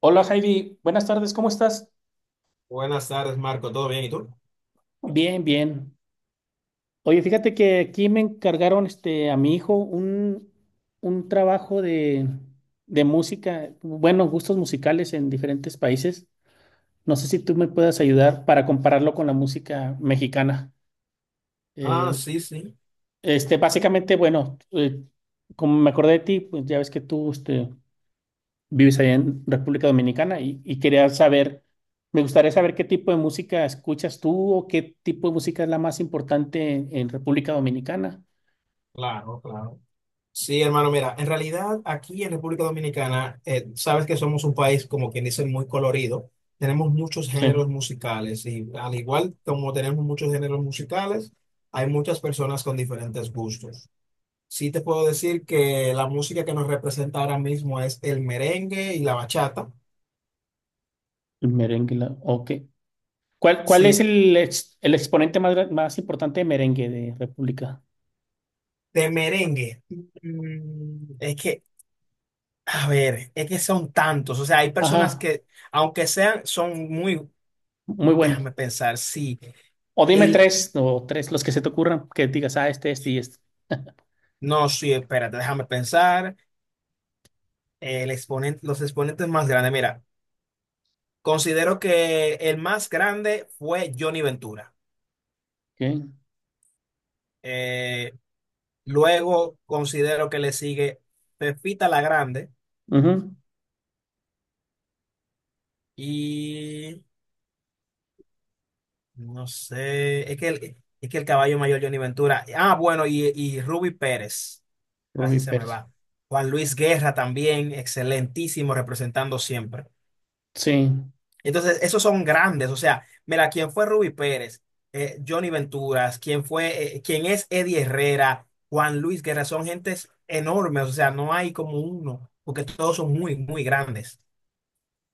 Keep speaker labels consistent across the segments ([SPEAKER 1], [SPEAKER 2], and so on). [SPEAKER 1] Hola Heidi, buenas tardes, ¿cómo estás?
[SPEAKER 2] Buenas tardes, Marco. ¿Todo bien? ¿Y tú?
[SPEAKER 1] Bien, bien. Oye, fíjate que aquí me encargaron a mi hijo un trabajo de música, bueno, gustos musicales en diferentes países. No sé si tú me puedas ayudar para compararlo con la música mexicana.
[SPEAKER 2] Ah,
[SPEAKER 1] Eh,
[SPEAKER 2] sí, sí.
[SPEAKER 1] básicamente, bueno, como me acordé de ti, pues ya ves que tú vives allá en República Dominicana y quería saber, me gustaría saber qué tipo de música escuchas tú o qué tipo de música es la más importante en República Dominicana.
[SPEAKER 2] Claro, claro. Sí, hermano, mira, en realidad aquí en República Dominicana, sabes que somos un país, como quien dice, muy colorido. Tenemos muchos
[SPEAKER 1] Sí,
[SPEAKER 2] géneros
[SPEAKER 1] el
[SPEAKER 2] musicales y al igual como tenemos muchos géneros musicales, hay muchas personas con diferentes gustos. Sí te puedo decir que la música que nos representa ahora mismo es el merengue y la bachata.
[SPEAKER 1] merengue, ok. ¿Cuál es
[SPEAKER 2] Sí,
[SPEAKER 1] el exponente más importante de merengue de República?
[SPEAKER 2] de merengue. Mm, es que A ver, es que son tantos, o sea, hay personas
[SPEAKER 1] Ajá,
[SPEAKER 2] que, aunque sean, son muy,
[SPEAKER 1] muy bueno.
[SPEAKER 2] déjame pensar, sí,
[SPEAKER 1] O dime
[SPEAKER 2] el,
[SPEAKER 1] tres, o tres, los que se te ocurran, que digas, ah, este y este.
[SPEAKER 2] no, sí, espérate, déjame pensar, el exponente, los exponentes más grandes, mira, considero que el más grande fue Johnny Ventura.
[SPEAKER 1] Ok,
[SPEAKER 2] Eh, luego considero que le sigue Pepita la Grande
[SPEAKER 1] ujú,
[SPEAKER 2] y, no sé, es que el caballo mayor Johnny Ventura, ah, bueno, y Ruby Pérez. Casi
[SPEAKER 1] Rubí
[SPEAKER 2] se me
[SPEAKER 1] Pérez.
[SPEAKER 2] va. Juan Luis Guerra también, excelentísimo, representando siempre.
[SPEAKER 1] Sí,
[SPEAKER 2] Entonces, esos son grandes. O sea, mira, quién fue Ruby Pérez. Johnny Venturas, quién fue, quién es Eddie Herrera, Juan Luis Guerra, son gentes enormes. O sea, no hay como uno, porque todos son muy, muy grandes.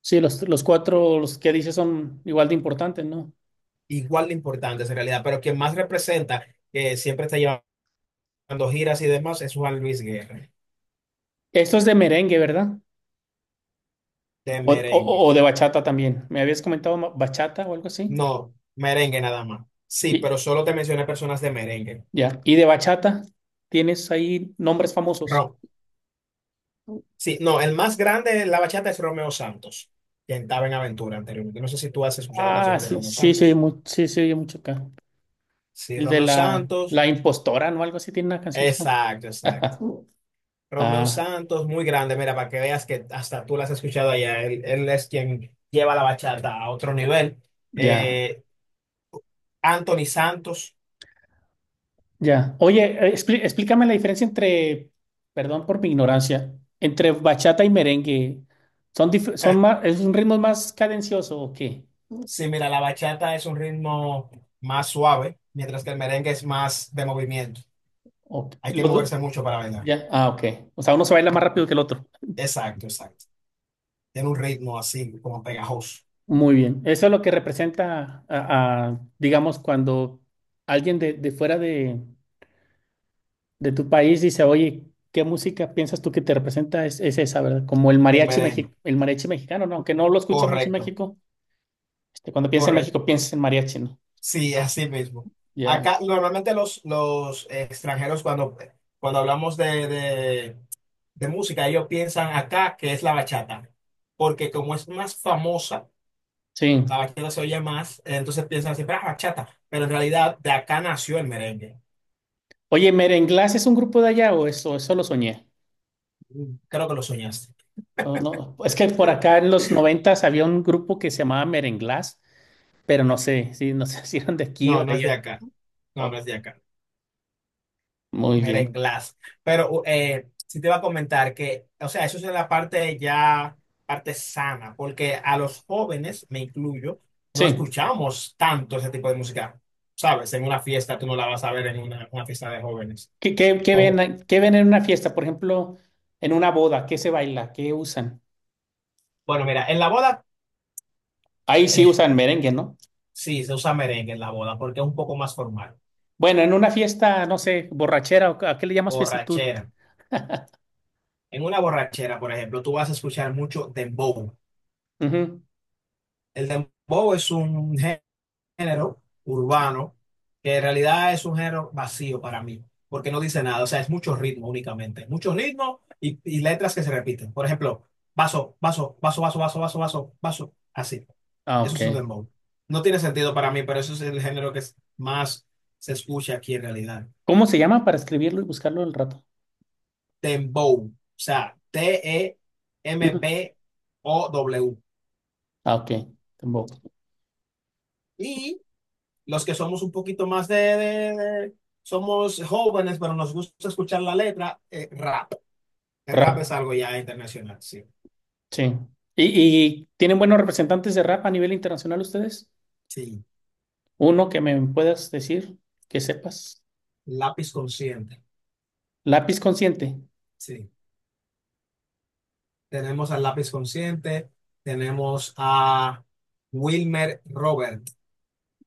[SPEAKER 1] sí, los cuatro, los que dices son igual de importantes, ¿no?
[SPEAKER 2] Igual de importantes en realidad, pero quien más representa, que siempre está llevando giras y demás, es Juan Luis Guerra,
[SPEAKER 1] Esto es de merengue, ¿verdad?
[SPEAKER 2] de
[SPEAKER 1] O
[SPEAKER 2] merengue.
[SPEAKER 1] de bachata también. Me habías comentado bachata o algo así.
[SPEAKER 2] No, merengue nada más. Sí,
[SPEAKER 1] Y
[SPEAKER 2] pero solo te mencioné personas de merengue.
[SPEAKER 1] ya. Y de bachata, ¿tienes ahí nombres famosos?
[SPEAKER 2] Rock. Sí, no, el más grande de la bachata es Romeo Santos, que estaba en Aventura anteriormente. No sé si tú has escuchado
[SPEAKER 1] Ah,
[SPEAKER 2] canciones de
[SPEAKER 1] sí,
[SPEAKER 2] Romeo
[SPEAKER 1] sí, se oye
[SPEAKER 2] Santos.
[SPEAKER 1] sí, se oye mucho acá.
[SPEAKER 2] Sí,
[SPEAKER 1] El de
[SPEAKER 2] Romeo
[SPEAKER 1] la,
[SPEAKER 2] Santos,
[SPEAKER 1] impostora, ¿no? Algo así tiene una canción que se llama.
[SPEAKER 2] exacto, exacto. Romeo
[SPEAKER 1] Ah,
[SPEAKER 2] Santos, muy grande, mira, para que veas que hasta tú las has escuchado allá. Él es quien lleva la bachata a otro nivel.
[SPEAKER 1] ya,
[SPEAKER 2] Eh, Anthony Santos.
[SPEAKER 1] ya. Oye, explícame la diferencia entre, perdón por mi ignorancia, entre bachata y merengue. ¿Son más, es un ritmo más cadencioso o qué?
[SPEAKER 2] Sí, mira, la bachata es un ritmo más suave, mientras que el merengue es más de movimiento.
[SPEAKER 1] ¿O
[SPEAKER 2] Hay que
[SPEAKER 1] Los dos-
[SPEAKER 2] moverse mucho para bailar.
[SPEAKER 1] ya, ah, ok. O sea, uno se baila más rápido que el otro.
[SPEAKER 2] Exacto, exacto. Tiene un ritmo así, como pegajoso.
[SPEAKER 1] Muy bien, eso es lo que representa, a, digamos, cuando alguien de fuera de tu país dice, oye, ¿qué música piensas tú que te representa? Es esa, ¿verdad? Como el
[SPEAKER 2] El
[SPEAKER 1] mariachi,
[SPEAKER 2] merengue,
[SPEAKER 1] mexi- el mariachi mexicano, ¿no? Aunque no lo escucha mucho en
[SPEAKER 2] correcto,
[SPEAKER 1] México, cuando piensa en
[SPEAKER 2] correcto.
[SPEAKER 1] México, piensa en mariachi, ¿no?
[SPEAKER 2] Sí, así mismo.
[SPEAKER 1] Ya,
[SPEAKER 2] Acá normalmente los extranjeros cuando hablamos de música, ellos piensan acá que es la bachata, porque como es más famosa,
[SPEAKER 1] sí.
[SPEAKER 2] la bachata se oye más, entonces piensan siempre, ah, bachata, pero en realidad de acá nació el merengue.
[SPEAKER 1] Oye, ¿Merenglás es un grupo de allá o eso lo soñé?
[SPEAKER 2] Mm. Creo que lo soñaste.
[SPEAKER 1] O no, es que por acá en los noventas había un grupo que se llamaba Merenglás, pero no sé, sí, no sé si eran de aquí
[SPEAKER 2] No,
[SPEAKER 1] o de
[SPEAKER 2] no es de
[SPEAKER 1] allá.
[SPEAKER 2] acá. No, no es
[SPEAKER 1] Oh,
[SPEAKER 2] de acá.
[SPEAKER 1] muy bien,
[SPEAKER 2] Merenglás. Pero sí te iba a comentar que, o sea, eso es la parte ya, parte sana, porque a los jóvenes, me incluyo, no
[SPEAKER 1] sí.
[SPEAKER 2] escuchamos tanto ese tipo de música. Sabes, en una fiesta tú no la vas a ver en una fiesta de jóvenes.
[SPEAKER 1] ¿Qué, qué- qué
[SPEAKER 2] Como,
[SPEAKER 1] ven, qué ven en una fiesta? Por ejemplo, en una boda, ¿qué se baila? ¿Qué usan?
[SPEAKER 2] bueno, mira, en la boda,
[SPEAKER 1] Ahí sí
[SPEAKER 2] eh,
[SPEAKER 1] usan merengue, ¿no?
[SPEAKER 2] sí, se usa merengue en la boda porque es un poco más formal.
[SPEAKER 1] Bueno, en una fiesta, no sé, borrachera, ¿o ¿a qué le llamas fiesta tú?
[SPEAKER 2] Borrachera. En una borrachera, por ejemplo, tú vas a escuchar mucho dembow.
[SPEAKER 1] Ujú.
[SPEAKER 2] El dembow es un género urbano que en realidad es un género vacío para mí, porque no dice nada, o sea, es mucho ritmo únicamente, mucho ritmo y letras que se repiten. Por ejemplo, vaso, vaso, vaso, vaso, vaso, vaso, vaso, vaso, así.
[SPEAKER 1] Ah,
[SPEAKER 2] Eso
[SPEAKER 1] ok.
[SPEAKER 2] es un dembow. No tiene sentido para mí, pero eso es el género que más se escucha aquí en realidad.
[SPEAKER 1] ¿Cómo se llama para escribirlo y buscarlo al rato?
[SPEAKER 2] Dembow, o sea,
[SPEAKER 1] Ujú.
[SPEAKER 2] T-E-M-B-O-W.
[SPEAKER 1] Ah, ok. Tampoco.
[SPEAKER 2] Y los que somos un poquito más somos jóvenes, pero nos gusta escuchar la letra, rap. El rap es
[SPEAKER 1] Rap,
[SPEAKER 2] algo ya internacional, sí.
[SPEAKER 1] sí. ¿Y, y tienen buenos representantes de rap a nivel internacional ustedes?
[SPEAKER 2] Sí.
[SPEAKER 1] Uno que me puedas decir, que sepas.
[SPEAKER 2] Lápiz Consciente,
[SPEAKER 1] Lápiz Consciente.
[SPEAKER 2] sí. Tenemos al Lápiz Consciente, tenemos a Wilmer Robert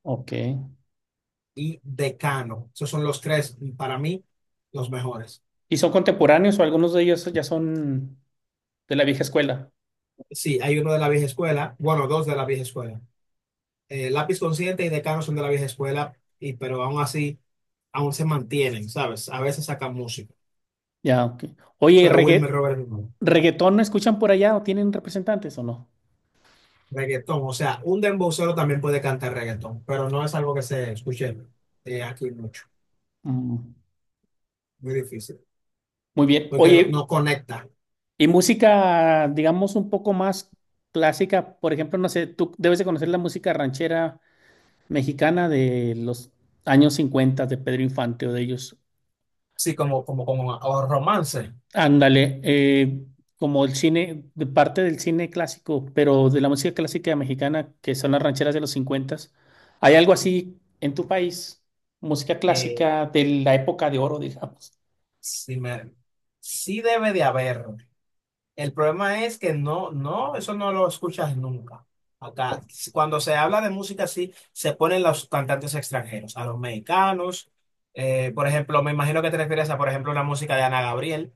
[SPEAKER 1] Ok.
[SPEAKER 2] y Decano. Esos son los tres, para mí, los mejores.
[SPEAKER 1] ¿Y son contemporáneos o algunos de ellos ya son de la vieja escuela?
[SPEAKER 2] Sí, hay uno de la vieja escuela, bueno, dos de la vieja escuela. Lápiz Consciente y Decano son de la vieja escuela, pero aún así, aún se mantienen, ¿sabes? A veces sacan música.
[SPEAKER 1] Ya, ok. Oye,
[SPEAKER 2] Pero Wilmer Roberts no.
[SPEAKER 1] ¿reggaetón no escuchan por allá o tienen representantes o no?
[SPEAKER 2] Reggaetón, o sea, un dembowcero también puede cantar reggaetón, pero no es algo que se escuche aquí mucho,
[SPEAKER 1] Mm.
[SPEAKER 2] muy difícil,
[SPEAKER 1] Muy bien.
[SPEAKER 2] porque no,
[SPEAKER 1] Oye,
[SPEAKER 2] no conecta.
[SPEAKER 1] y música, digamos, un poco más clásica, por ejemplo, no sé, tú debes de conocer la música ranchera mexicana de los años 50 de Pedro Infante o de ellos.
[SPEAKER 2] Sí, como o romance.
[SPEAKER 1] Ándale, como el cine, de parte del cine clásico, pero de la música clásica mexicana, que son las rancheras de los 50, ¿hay algo así en tu país? Música
[SPEAKER 2] eh,
[SPEAKER 1] clásica de la época de oro, digamos.
[SPEAKER 2] sí, sí debe de haber. El problema es que no, no, eso no lo escuchas nunca. Acá, cuando se habla de música, sí, se ponen los cantantes extranjeros, a los mexicanos. Por ejemplo, me imagino que te refieres a, por ejemplo, la música de Ana Gabriel.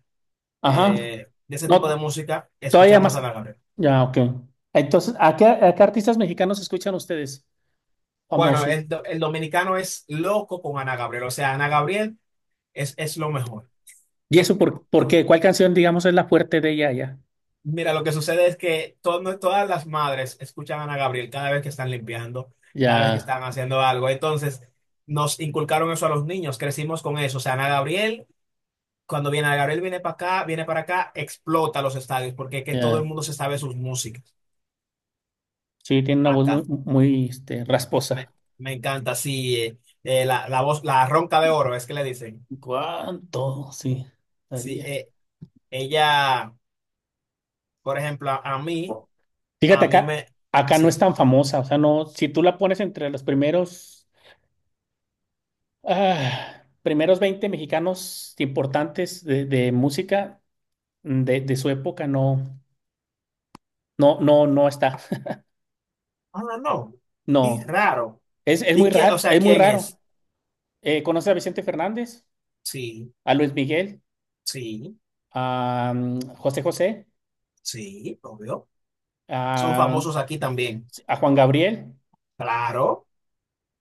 [SPEAKER 1] Ajá,
[SPEAKER 2] De ese tipo de
[SPEAKER 1] no,
[SPEAKER 2] música,
[SPEAKER 1] todavía
[SPEAKER 2] escuchamos a
[SPEAKER 1] más.
[SPEAKER 2] Ana Gabriel.
[SPEAKER 1] Ya, ok. Entonces, ¿a qué artistas mexicanos escuchan ustedes?
[SPEAKER 2] Bueno,
[SPEAKER 1] Famoso.
[SPEAKER 2] el dominicano es loco con Ana Gabriel, o sea, Ana Gabriel es lo mejor.
[SPEAKER 1] ¿Y eso por qué? ¿Cuál canción, digamos, es la fuerte de ella ya?
[SPEAKER 2] Mira, lo que sucede es que todas las madres escuchan a Ana Gabriel cada vez que están limpiando, cada vez que
[SPEAKER 1] Ya,
[SPEAKER 2] están haciendo algo. Entonces, nos inculcaron eso a los niños, crecimos con eso. O sea, Ana Gabriel, cuando viene Ana Gabriel, viene para acá, explota los estadios, porque es que todo el
[SPEAKER 1] ya.
[SPEAKER 2] mundo se sabe sus músicas
[SPEAKER 1] Sí, tiene una voz muy,
[SPEAKER 2] acá.
[SPEAKER 1] muy,
[SPEAKER 2] Me,
[SPEAKER 1] rasposa.
[SPEAKER 2] me encanta, sí, la voz, la ronca de oro, es que le dicen.
[SPEAKER 1] ¿Cuánto? Sí,
[SPEAKER 2] Sí,
[SPEAKER 1] daría.
[SPEAKER 2] ella, por ejemplo, a mí, a
[SPEAKER 1] Fíjate
[SPEAKER 2] mí
[SPEAKER 1] acá,
[SPEAKER 2] me,
[SPEAKER 1] acá no es
[SPEAKER 2] sí,
[SPEAKER 1] tan famosa, o sea, no, si tú la pones entre los primeros, ah, primeros 20 mexicanos importantes de música de su época, no, no, no, no está,
[SPEAKER 2] ah, no, no, es
[SPEAKER 1] no,
[SPEAKER 2] raro.
[SPEAKER 1] es
[SPEAKER 2] ¿Y
[SPEAKER 1] muy
[SPEAKER 2] qué, o
[SPEAKER 1] raro,
[SPEAKER 2] sea,
[SPEAKER 1] es muy
[SPEAKER 2] quién es?
[SPEAKER 1] raro. ¿Conoces a Vicente Fernández,
[SPEAKER 2] Sí,
[SPEAKER 1] a Luis Miguel,
[SPEAKER 2] sí,
[SPEAKER 1] a José José,
[SPEAKER 2] sí, obvio. Son
[SPEAKER 1] a,
[SPEAKER 2] famosos aquí también.
[SPEAKER 1] a Juan Gabriel?
[SPEAKER 2] Claro,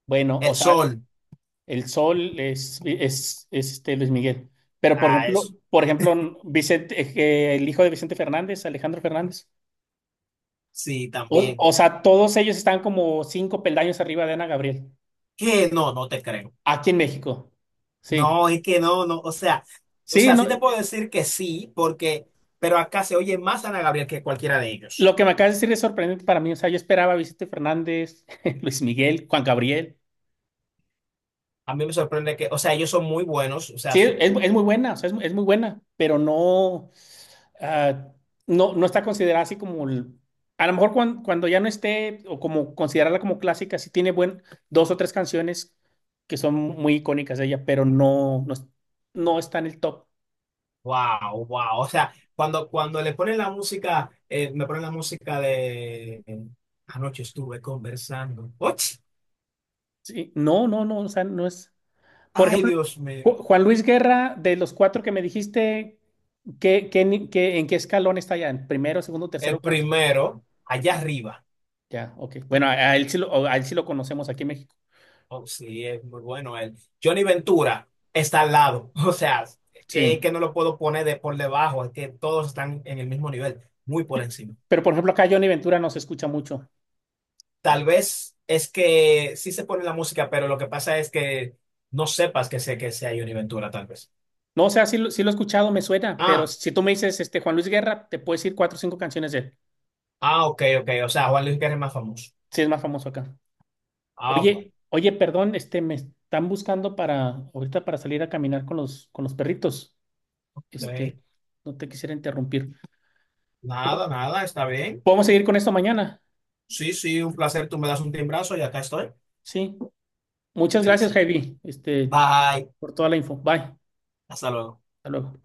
[SPEAKER 1] Bueno, o
[SPEAKER 2] el
[SPEAKER 1] sea,
[SPEAKER 2] sol,
[SPEAKER 1] El Sol es este Luis Miguel. Pero por
[SPEAKER 2] ah,
[SPEAKER 1] ejemplo,
[SPEAKER 2] eso,
[SPEAKER 1] por ejemplo, Vicente, que el hijo de Vicente Fernández, Alejandro Fernández.
[SPEAKER 2] sí,
[SPEAKER 1] O,
[SPEAKER 2] también.
[SPEAKER 1] o sea, todos ellos están como cinco peldaños arriba de Ana Gabriel,
[SPEAKER 2] ¿Qué? No, no te creo.
[SPEAKER 1] aquí en México. Sí.
[SPEAKER 2] No, es que no, no, o sea, o
[SPEAKER 1] Sí,
[SPEAKER 2] sea,
[SPEAKER 1] no,
[SPEAKER 2] sí te puedo decir que sí, pero acá se oye más Ana Gabriel que cualquiera de ellos.
[SPEAKER 1] lo que me acabas de decir es sorprendente para mí. O sea, yo esperaba a Vicente Fernández, Luis Miguel, Juan Gabriel.
[SPEAKER 2] A mí me sorprende que, o sea, ellos son muy buenos, o sea,
[SPEAKER 1] Sí, es,
[SPEAKER 2] so.
[SPEAKER 1] es muy buena, o sea, es muy buena, pero no, ah, no, no está considerada así como, a lo mejor cuando, ya no esté, o como considerarla como clásica, sí tiene dos o tres canciones que son muy icónicas de ella, pero no, no, no está en el top.
[SPEAKER 2] Wow, wow. O sea, cuando le ponen la música, me ponen la música de Anoche estuve conversando. ¡Och!
[SPEAKER 1] Sí, no, no, no, o sea, no es. Por
[SPEAKER 2] Ay,
[SPEAKER 1] ejemplo,
[SPEAKER 2] Dios mío.
[SPEAKER 1] Juan Luis Guerra, de los cuatro que me dijiste, ¿qué, qué ni- qué- en qué escalón está ya? ¿En primero, segundo,
[SPEAKER 2] El
[SPEAKER 1] tercero, cuarto?
[SPEAKER 2] primero, allá
[SPEAKER 1] Primero.
[SPEAKER 2] arriba.
[SPEAKER 1] Ya, ok. Bueno, a él sí lo, a él sí lo conocemos aquí en México.
[SPEAKER 2] Oh, sí, es muy bueno él. Johnny Ventura está al lado. O sea, que,
[SPEAKER 1] Sí.
[SPEAKER 2] que no lo puedo poner de por debajo, es que todos están en el mismo nivel, muy por encima.
[SPEAKER 1] Pero por ejemplo, acá Johnny Ventura no se escucha mucho.
[SPEAKER 2] Tal vez es que sí se pone la música, pero lo que pasa es que no sepas que sé que sea Johnny Ventura, tal vez.
[SPEAKER 1] No, o sea, sí lo he escuchado, me suena, pero
[SPEAKER 2] Ah.
[SPEAKER 1] si tú me dices este Juan Luis Guerra, te puedo decir cuatro o cinco canciones de él.
[SPEAKER 2] Ah, ok, ok. O sea, Juan Luis Guerra es más famoso.
[SPEAKER 1] Sí, es más famoso acá.
[SPEAKER 2] Ah,
[SPEAKER 1] Oye,
[SPEAKER 2] bueno.
[SPEAKER 1] oye, perdón, me están buscando para ahorita para salir a caminar con los perritos. Este,
[SPEAKER 2] Ok.
[SPEAKER 1] no te quisiera interrumpir.
[SPEAKER 2] Nada, nada, está bien.
[SPEAKER 1] Podemos seguir con esto mañana.
[SPEAKER 2] Sí, sí, un placer. Tú me das un timbrazo y acá estoy.
[SPEAKER 1] Sí. Muchas
[SPEAKER 2] Sí,
[SPEAKER 1] gracias,
[SPEAKER 2] sí.
[SPEAKER 1] Javi,
[SPEAKER 2] Bye.
[SPEAKER 1] por toda la info. Bye.
[SPEAKER 2] Hasta luego.
[SPEAKER 1] Hasta luego.